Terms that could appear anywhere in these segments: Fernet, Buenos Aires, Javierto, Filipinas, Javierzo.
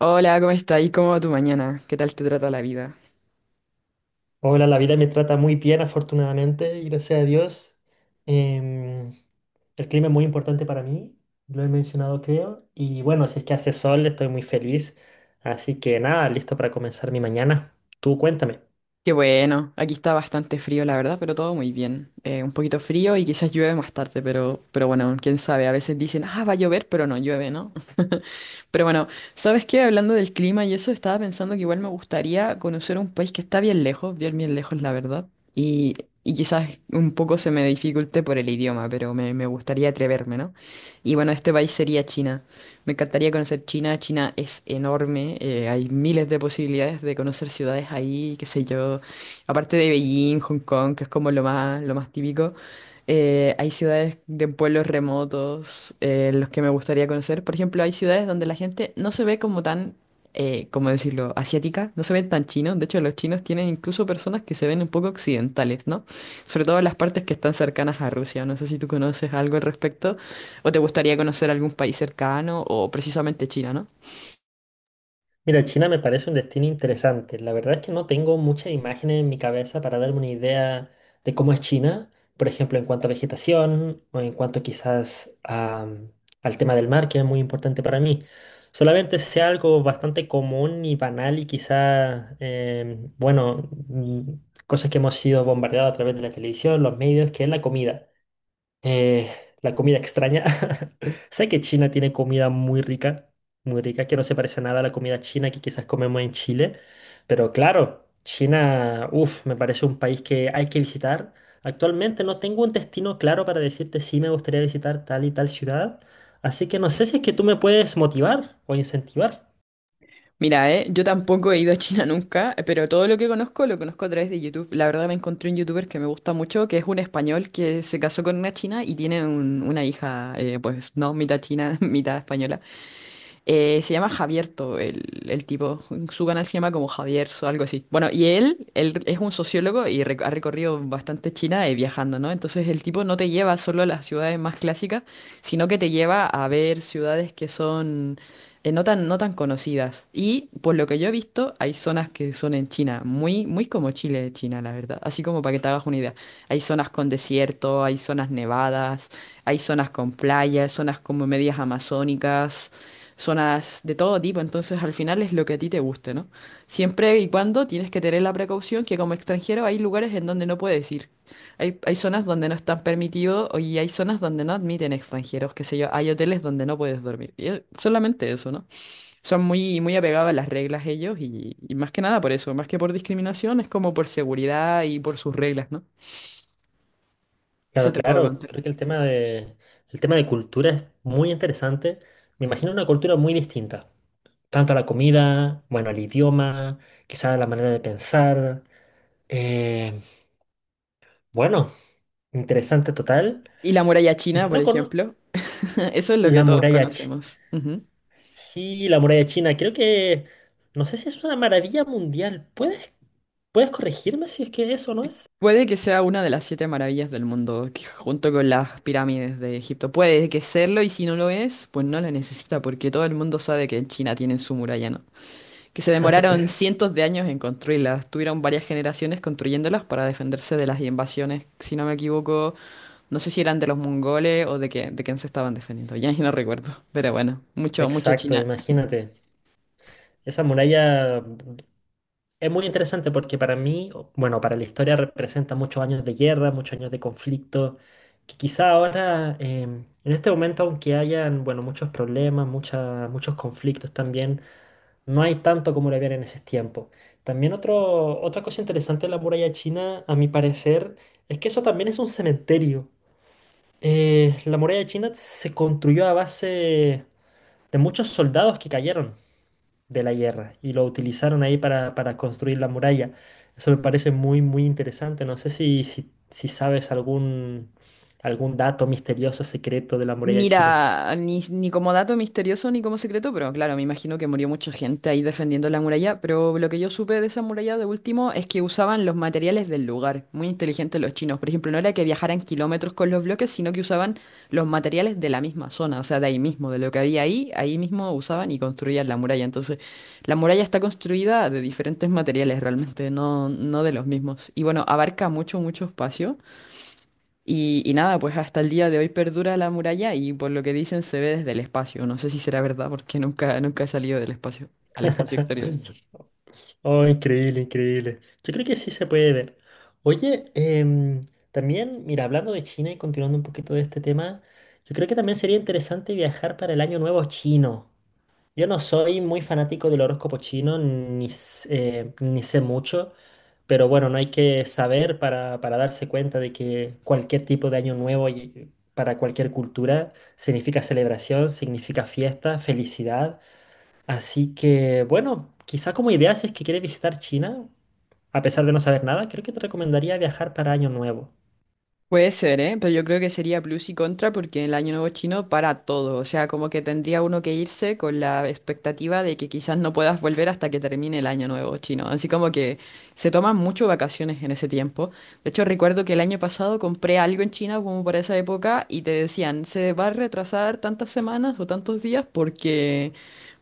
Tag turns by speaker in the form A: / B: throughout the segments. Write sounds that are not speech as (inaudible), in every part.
A: Hola, ¿cómo estás? ¿Y cómo va tu mañana? ¿Qué tal te trata la vida?
B: Hola, la vida me trata muy bien, afortunadamente, y gracias a Dios. Em, el clima es muy importante para mí, lo he mencionado creo, y bueno, si es que hace sol, estoy muy feliz. Así que nada, listo para comenzar mi mañana. Tú cuéntame.
A: Qué bueno, aquí está bastante frío, la verdad, pero todo muy bien. Un poquito frío y quizás llueve más tarde, pero bueno, quién sabe, a veces dicen, ah, va a llover, pero no llueve, ¿no? Pero bueno, ¿sabes qué? Hablando del clima y eso, estaba pensando que igual me gustaría conocer un país que está bien lejos, bien lejos, la verdad. Y, y quizás un poco se me dificulte por el idioma, pero me gustaría atreverme, ¿no? Y bueno, este país sería China. Me encantaría conocer China. China es enorme, hay miles de posibilidades de conocer ciudades ahí, qué sé yo. Aparte de Beijing, Hong Kong, que es como lo más típico. Hay ciudades de pueblos remotos los que me gustaría conocer. Por ejemplo, hay ciudades donde la gente no se ve como tan, ¿cómo decirlo?, asiática, no se ven tan chinos. De hecho, los chinos tienen incluso personas que se ven un poco occidentales, ¿no? Sobre todo en las partes que están cercanas a Rusia. No sé si tú conoces algo al respecto o te gustaría conocer algún país cercano o precisamente China, ¿no?
B: Mira, China me parece un destino interesante. La verdad es que no tengo muchas imágenes en mi cabeza para darme una idea de cómo es China, por ejemplo, en cuanto a vegetación o en cuanto quizás al tema del mar, que es muy importante para mí. Solamente sé algo bastante común y banal y quizás, bueno, cosas que hemos sido bombardeados a través de la televisión, los medios, que es la comida. Eh, la comida extraña. (laughs) Sé que China tiene comida muy rica, que no se parece nada a la comida china que quizás comemos en Chile. Pero claro, China, uff, me parece un país que hay que visitar. Actualmente no tengo un destino claro para decirte si me gustaría visitar tal y tal ciudad. Así que no sé si es que tú me puedes motivar o incentivar.
A: Mira, yo tampoco he ido a China nunca, pero todo lo que conozco lo conozco a través de YouTube. La verdad me encontré un youtuber que me gusta mucho, que es un español que se casó con una china y tiene una hija, pues no, mitad china, (laughs) mitad española. Se llama Javierto, el tipo. Su canal se llama como Javierzo, algo así. Bueno, y él es un sociólogo y ha recorrido bastante China viajando, ¿no? Entonces el tipo no te lleva solo a las ciudades más clásicas, sino que te lleva a ver ciudades que son no tan, no tan conocidas. Y por lo que yo he visto, hay zonas que son en China, muy, muy como Chile de China, la verdad. Así como para que te hagas una idea. Hay zonas con desierto, hay zonas nevadas, hay zonas con playas, zonas como medias amazónicas, zonas de todo tipo. Entonces, al final es lo que a ti te guste, ¿no? Siempre y cuando tienes que tener la precaución que como extranjero hay lugares en donde no puedes ir. Hay zonas donde no están permitidos y hay zonas donde no admiten extranjeros, qué sé yo, hay hoteles donde no puedes dormir. Y es solamente eso, ¿no? Son muy, muy apegados a las reglas ellos y más que nada por eso, más que por discriminación, es como por seguridad y por sus reglas, ¿no?
B: Claro,
A: Eso te puedo
B: claro,
A: contar.
B: creo que el tema de cultura es muy interesante. Me imagino una cultura muy distinta. Tanto la comida, bueno, el idioma, quizás la manera de pensar. Eh, bueno, interesante total.
A: Y la muralla china,
B: Yo
A: por
B: no con
A: ejemplo, (laughs) eso es lo
B: la
A: que todos
B: muralla china.
A: conocemos. Ujú.
B: Sí, la muralla china. Creo no sé si es una maravilla mundial. ¿Puedes, puedes corregirme si es que eso no es?
A: Puede que sea una de las siete maravillas del mundo, que junto con las pirámides de Egipto. Puede que serlo y si no lo es, pues no la necesita porque todo el mundo sabe que en China tienen su muralla, ¿no? Que se demoraron cientos de años en construirlas, tuvieron varias generaciones construyéndolas para defenderse de las invasiones, si no me equivoco. No sé si eran de los mongoles o de, que, de quién se estaban defendiendo. Ya (laughs) ni no recuerdo. Pero bueno, mucho, mucho
B: Exacto,
A: China.
B: imagínate. Esa muralla es muy interesante porque para mí, bueno, para la historia representa muchos años de guerra, muchos años de conflicto, que quizá ahora, en este momento, aunque hayan, bueno, muchos problemas, muchos conflictos también, no hay tanto como lo había en ese tiempo. También otra cosa interesante de la muralla china, a mi parecer, es que eso también es un cementerio. La muralla china se construyó a base de muchos soldados que cayeron de la guerra y lo utilizaron ahí para construir la muralla. Eso me parece muy, muy interesante. No sé si sabes algún dato misterioso, secreto de la muralla china.
A: Mira, ni como dato misterioso ni como secreto, pero claro, me imagino que murió mucha gente ahí defendiendo la muralla, pero lo que yo supe de esa muralla de último es que usaban los materiales del lugar, muy inteligentes los chinos, por ejemplo, no era que viajaran kilómetros con los bloques, sino que usaban los materiales de la misma zona, o sea, de ahí mismo, de lo que había ahí, ahí mismo usaban y construían la muralla, entonces la muralla está construida de diferentes materiales realmente, no de los mismos, y bueno, abarca mucho, mucho espacio. Y nada, pues hasta el día de hoy perdura la muralla y por lo que dicen se ve desde el espacio. No sé si será verdad porque nunca, nunca he salido del espacio, al espacio
B: (laughs)
A: exterior.
B: Oh, increíble, increíble. Yo creo que sí se puede ver. Oye, también, mira, hablando de China y continuando un poquito de este tema, yo creo que también sería interesante viajar para el Año Nuevo chino. Yo no soy muy fanático del horóscopo chino, ni sé mucho, pero bueno, no hay que saber para darse cuenta de que cualquier tipo de año nuevo para cualquier cultura significa celebración, significa fiesta, felicidad. Así que bueno, quizá como idea si es que quieres visitar China, a pesar de no saber nada, creo que te recomendaría viajar para año nuevo.
A: Puede ser, ¿eh? Pero yo creo que sería plus y contra porque el Año Nuevo chino para todo. O sea, como que tendría uno que irse con la expectativa de que quizás no puedas volver hasta que termine el Año Nuevo chino. Así como que se toman mucho vacaciones en ese tiempo. De hecho, recuerdo que el año pasado compré algo en China como para esa época y te decían, se va a retrasar tantas semanas o tantos días porque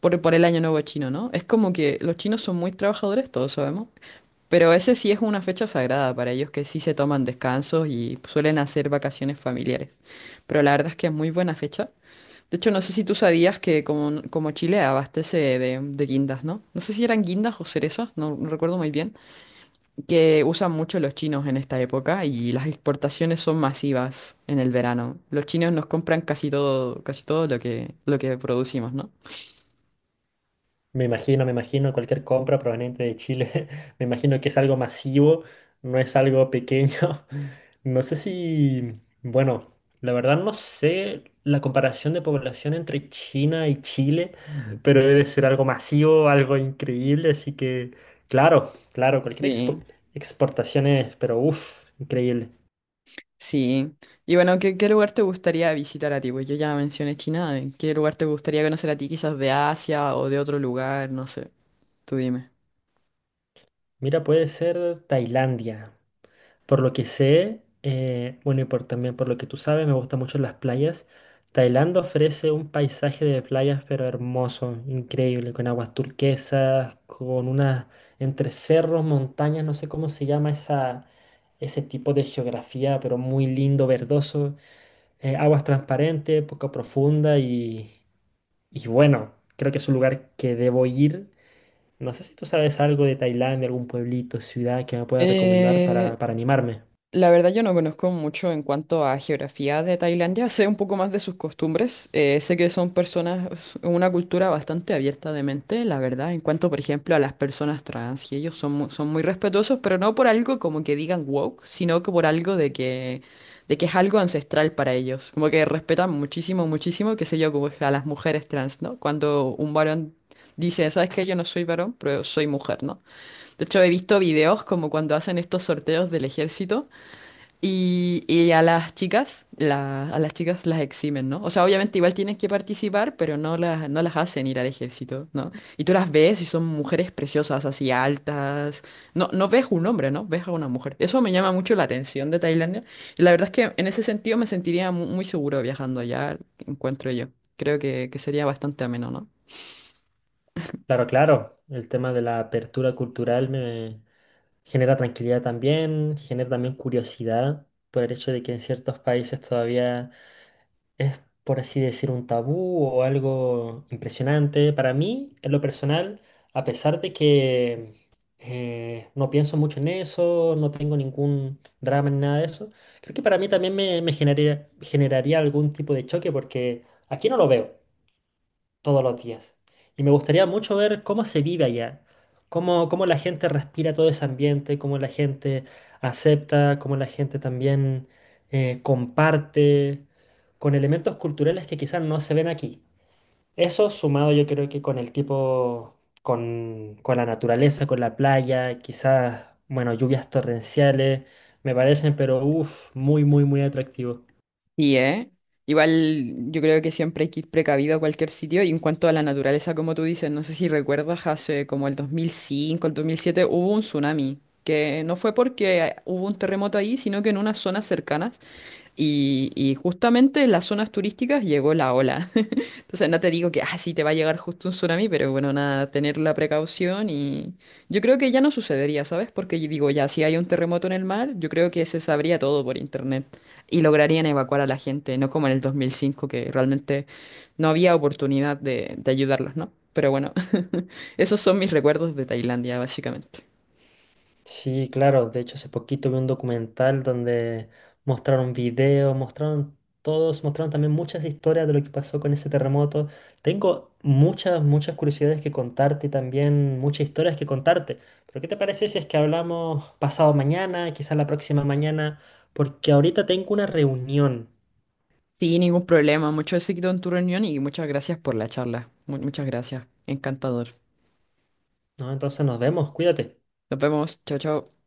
A: por el Año Nuevo chino, ¿no? Es como que los chinos son muy trabajadores, todos sabemos. Pero ese sí es una fecha sagrada para ellos que sí se toman descansos y suelen hacer vacaciones familiares. Pero la verdad es que es muy buena fecha. De hecho, no sé si tú sabías que como Chile abastece de guindas, ¿no? No sé si eran guindas o cerezas, no recuerdo muy bien, que usan mucho los chinos en esta época y las exportaciones son masivas en el verano. Los chinos nos compran casi todo lo que producimos, ¿no?
B: Me imagino cualquier compra proveniente de Chile. (laughs) Me imagino que es algo masivo, no es algo pequeño. (laughs) No sé si, bueno, la verdad no sé la comparación de población entre China y Chile, pero debe ser algo masivo, algo increíble. Así que, claro, claro, cualquier
A: Sí.
B: exportación es, pero uff, increíble.
A: Sí. Y bueno, ¿qué lugar te gustaría visitar a ti? Pues yo ya mencioné China. ¿En qué lugar te gustaría conocer a ti? Quizás de Asia o de otro lugar, no sé. Tú dime.
B: Mira, puede ser Tailandia. Por lo que sé, bueno, también por lo que tú sabes, me gustan mucho las playas. Tailandia ofrece un paisaje de playas, pero hermoso, increíble, con aguas turquesas, con unas entre cerros, montañas, no sé cómo se llama ese tipo de geografía, pero muy lindo, verdoso, aguas transparentes, poco profunda y bueno, creo que es un lugar que debo ir. No sé si tú sabes algo de Tailandia, algún pueblito, ciudad que me pueda recomendar
A: Eh,
B: para animarme.
A: La verdad yo no conozco mucho en cuanto a geografía de Tailandia, (laughs) sé un poco más de sus costumbres, sé que son personas, una cultura bastante abierta de mente, la verdad, en cuanto por ejemplo a las personas trans, y ellos son, son muy respetuosos, pero no por algo como que digan woke, sino que por algo de que es algo ancestral para ellos, como que respetan muchísimo, muchísimo, qué sé yo, como a las mujeres trans, ¿no? Cuando un varón dice, ¿sabes qué? Yo no soy varón, pero soy mujer, ¿no? De hecho he visto videos como cuando hacen estos sorteos del ejército. Y a las chicas, a las chicas las eximen, ¿no? O sea, obviamente igual tienen que participar, pero no las hacen ir al ejército, ¿no? Y tú las ves y son mujeres preciosas, así altas. No ves un hombre, ¿no? Ves a una mujer. Eso me llama mucho la atención de Tailandia. Y la verdad es que en ese sentido me sentiría muy, seguro viajando allá, encuentro yo. Creo que sería bastante ameno, ¿no?
B: Claro, claro. El tema de la apertura cultural me genera tranquilidad también, genera también curiosidad por el hecho de que en ciertos países todavía, por así decir, un tabú o algo impresionante. Para mí, en lo personal, a pesar de que no pienso mucho en eso, no tengo ningún drama ni nada de eso, creo que para mí también me generaría, generaría algún tipo de choque porque aquí no lo veo todos los días. Y me gustaría mucho ver cómo se vive allá, cómo, cómo la gente respira todo ese ambiente, cómo la gente acepta, cómo la gente también comparte con elementos culturales que quizás no se ven aquí. Eso sumado yo creo que con el tipo, con la naturaleza, con la playa, quizás, bueno, lluvias torrenciales, me parecen, pero uff, muy, muy, muy atractivo.
A: Sí, ¿eh? Igual yo creo que siempre hay que ir precavido a cualquier sitio y en cuanto a la naturaleza, como tú dices, no sé si recuerdas, hace como el 2005, el 2007, hubo un tsunami, que no fue porque hubo un terremoto ahí, sino que en unas zonas cercanas y justamente en las zonas turísticas llegó la ola. (laughs) Entonces no te digo que, ah, sí, te va a llegar justo un tsunami, pero bueno, nada, tener la precaución y yo creo que ya no sucedería, ¿sabes? Porque yo digo, ya, si hay un terremoto en el mar, yo creo que se sabría todo por internet y lograrían evacuar a la gente, no como en el 2005, que realmente no había oportunidad de ayudarlos, ¿no? Pero bueno, (laughs) esos son mis recuerdos de Tailandia, básicamente.
B: Sí, claro. De hecho, hace poquito vi un documental donde mostraron videos, mostraron todos, mostraron también muchas historias de lo que pasó con ese terremoto. Tengo muchas, muchas curiosidades que contarte y también muchas historias que contarte. Pero ¿qué te parece si es que hablamos pasado mañana, quizás la próxima mañana? Porque ahorita tengo una reunión,
A: Sí, ningún problema, mucho éxito en tu reunión y muchas gracias por la charla. Muchas gracias, encantador.
B: ¿no? Entonces nos vemos, cuídate.
A: Nos vemos, chao, chao.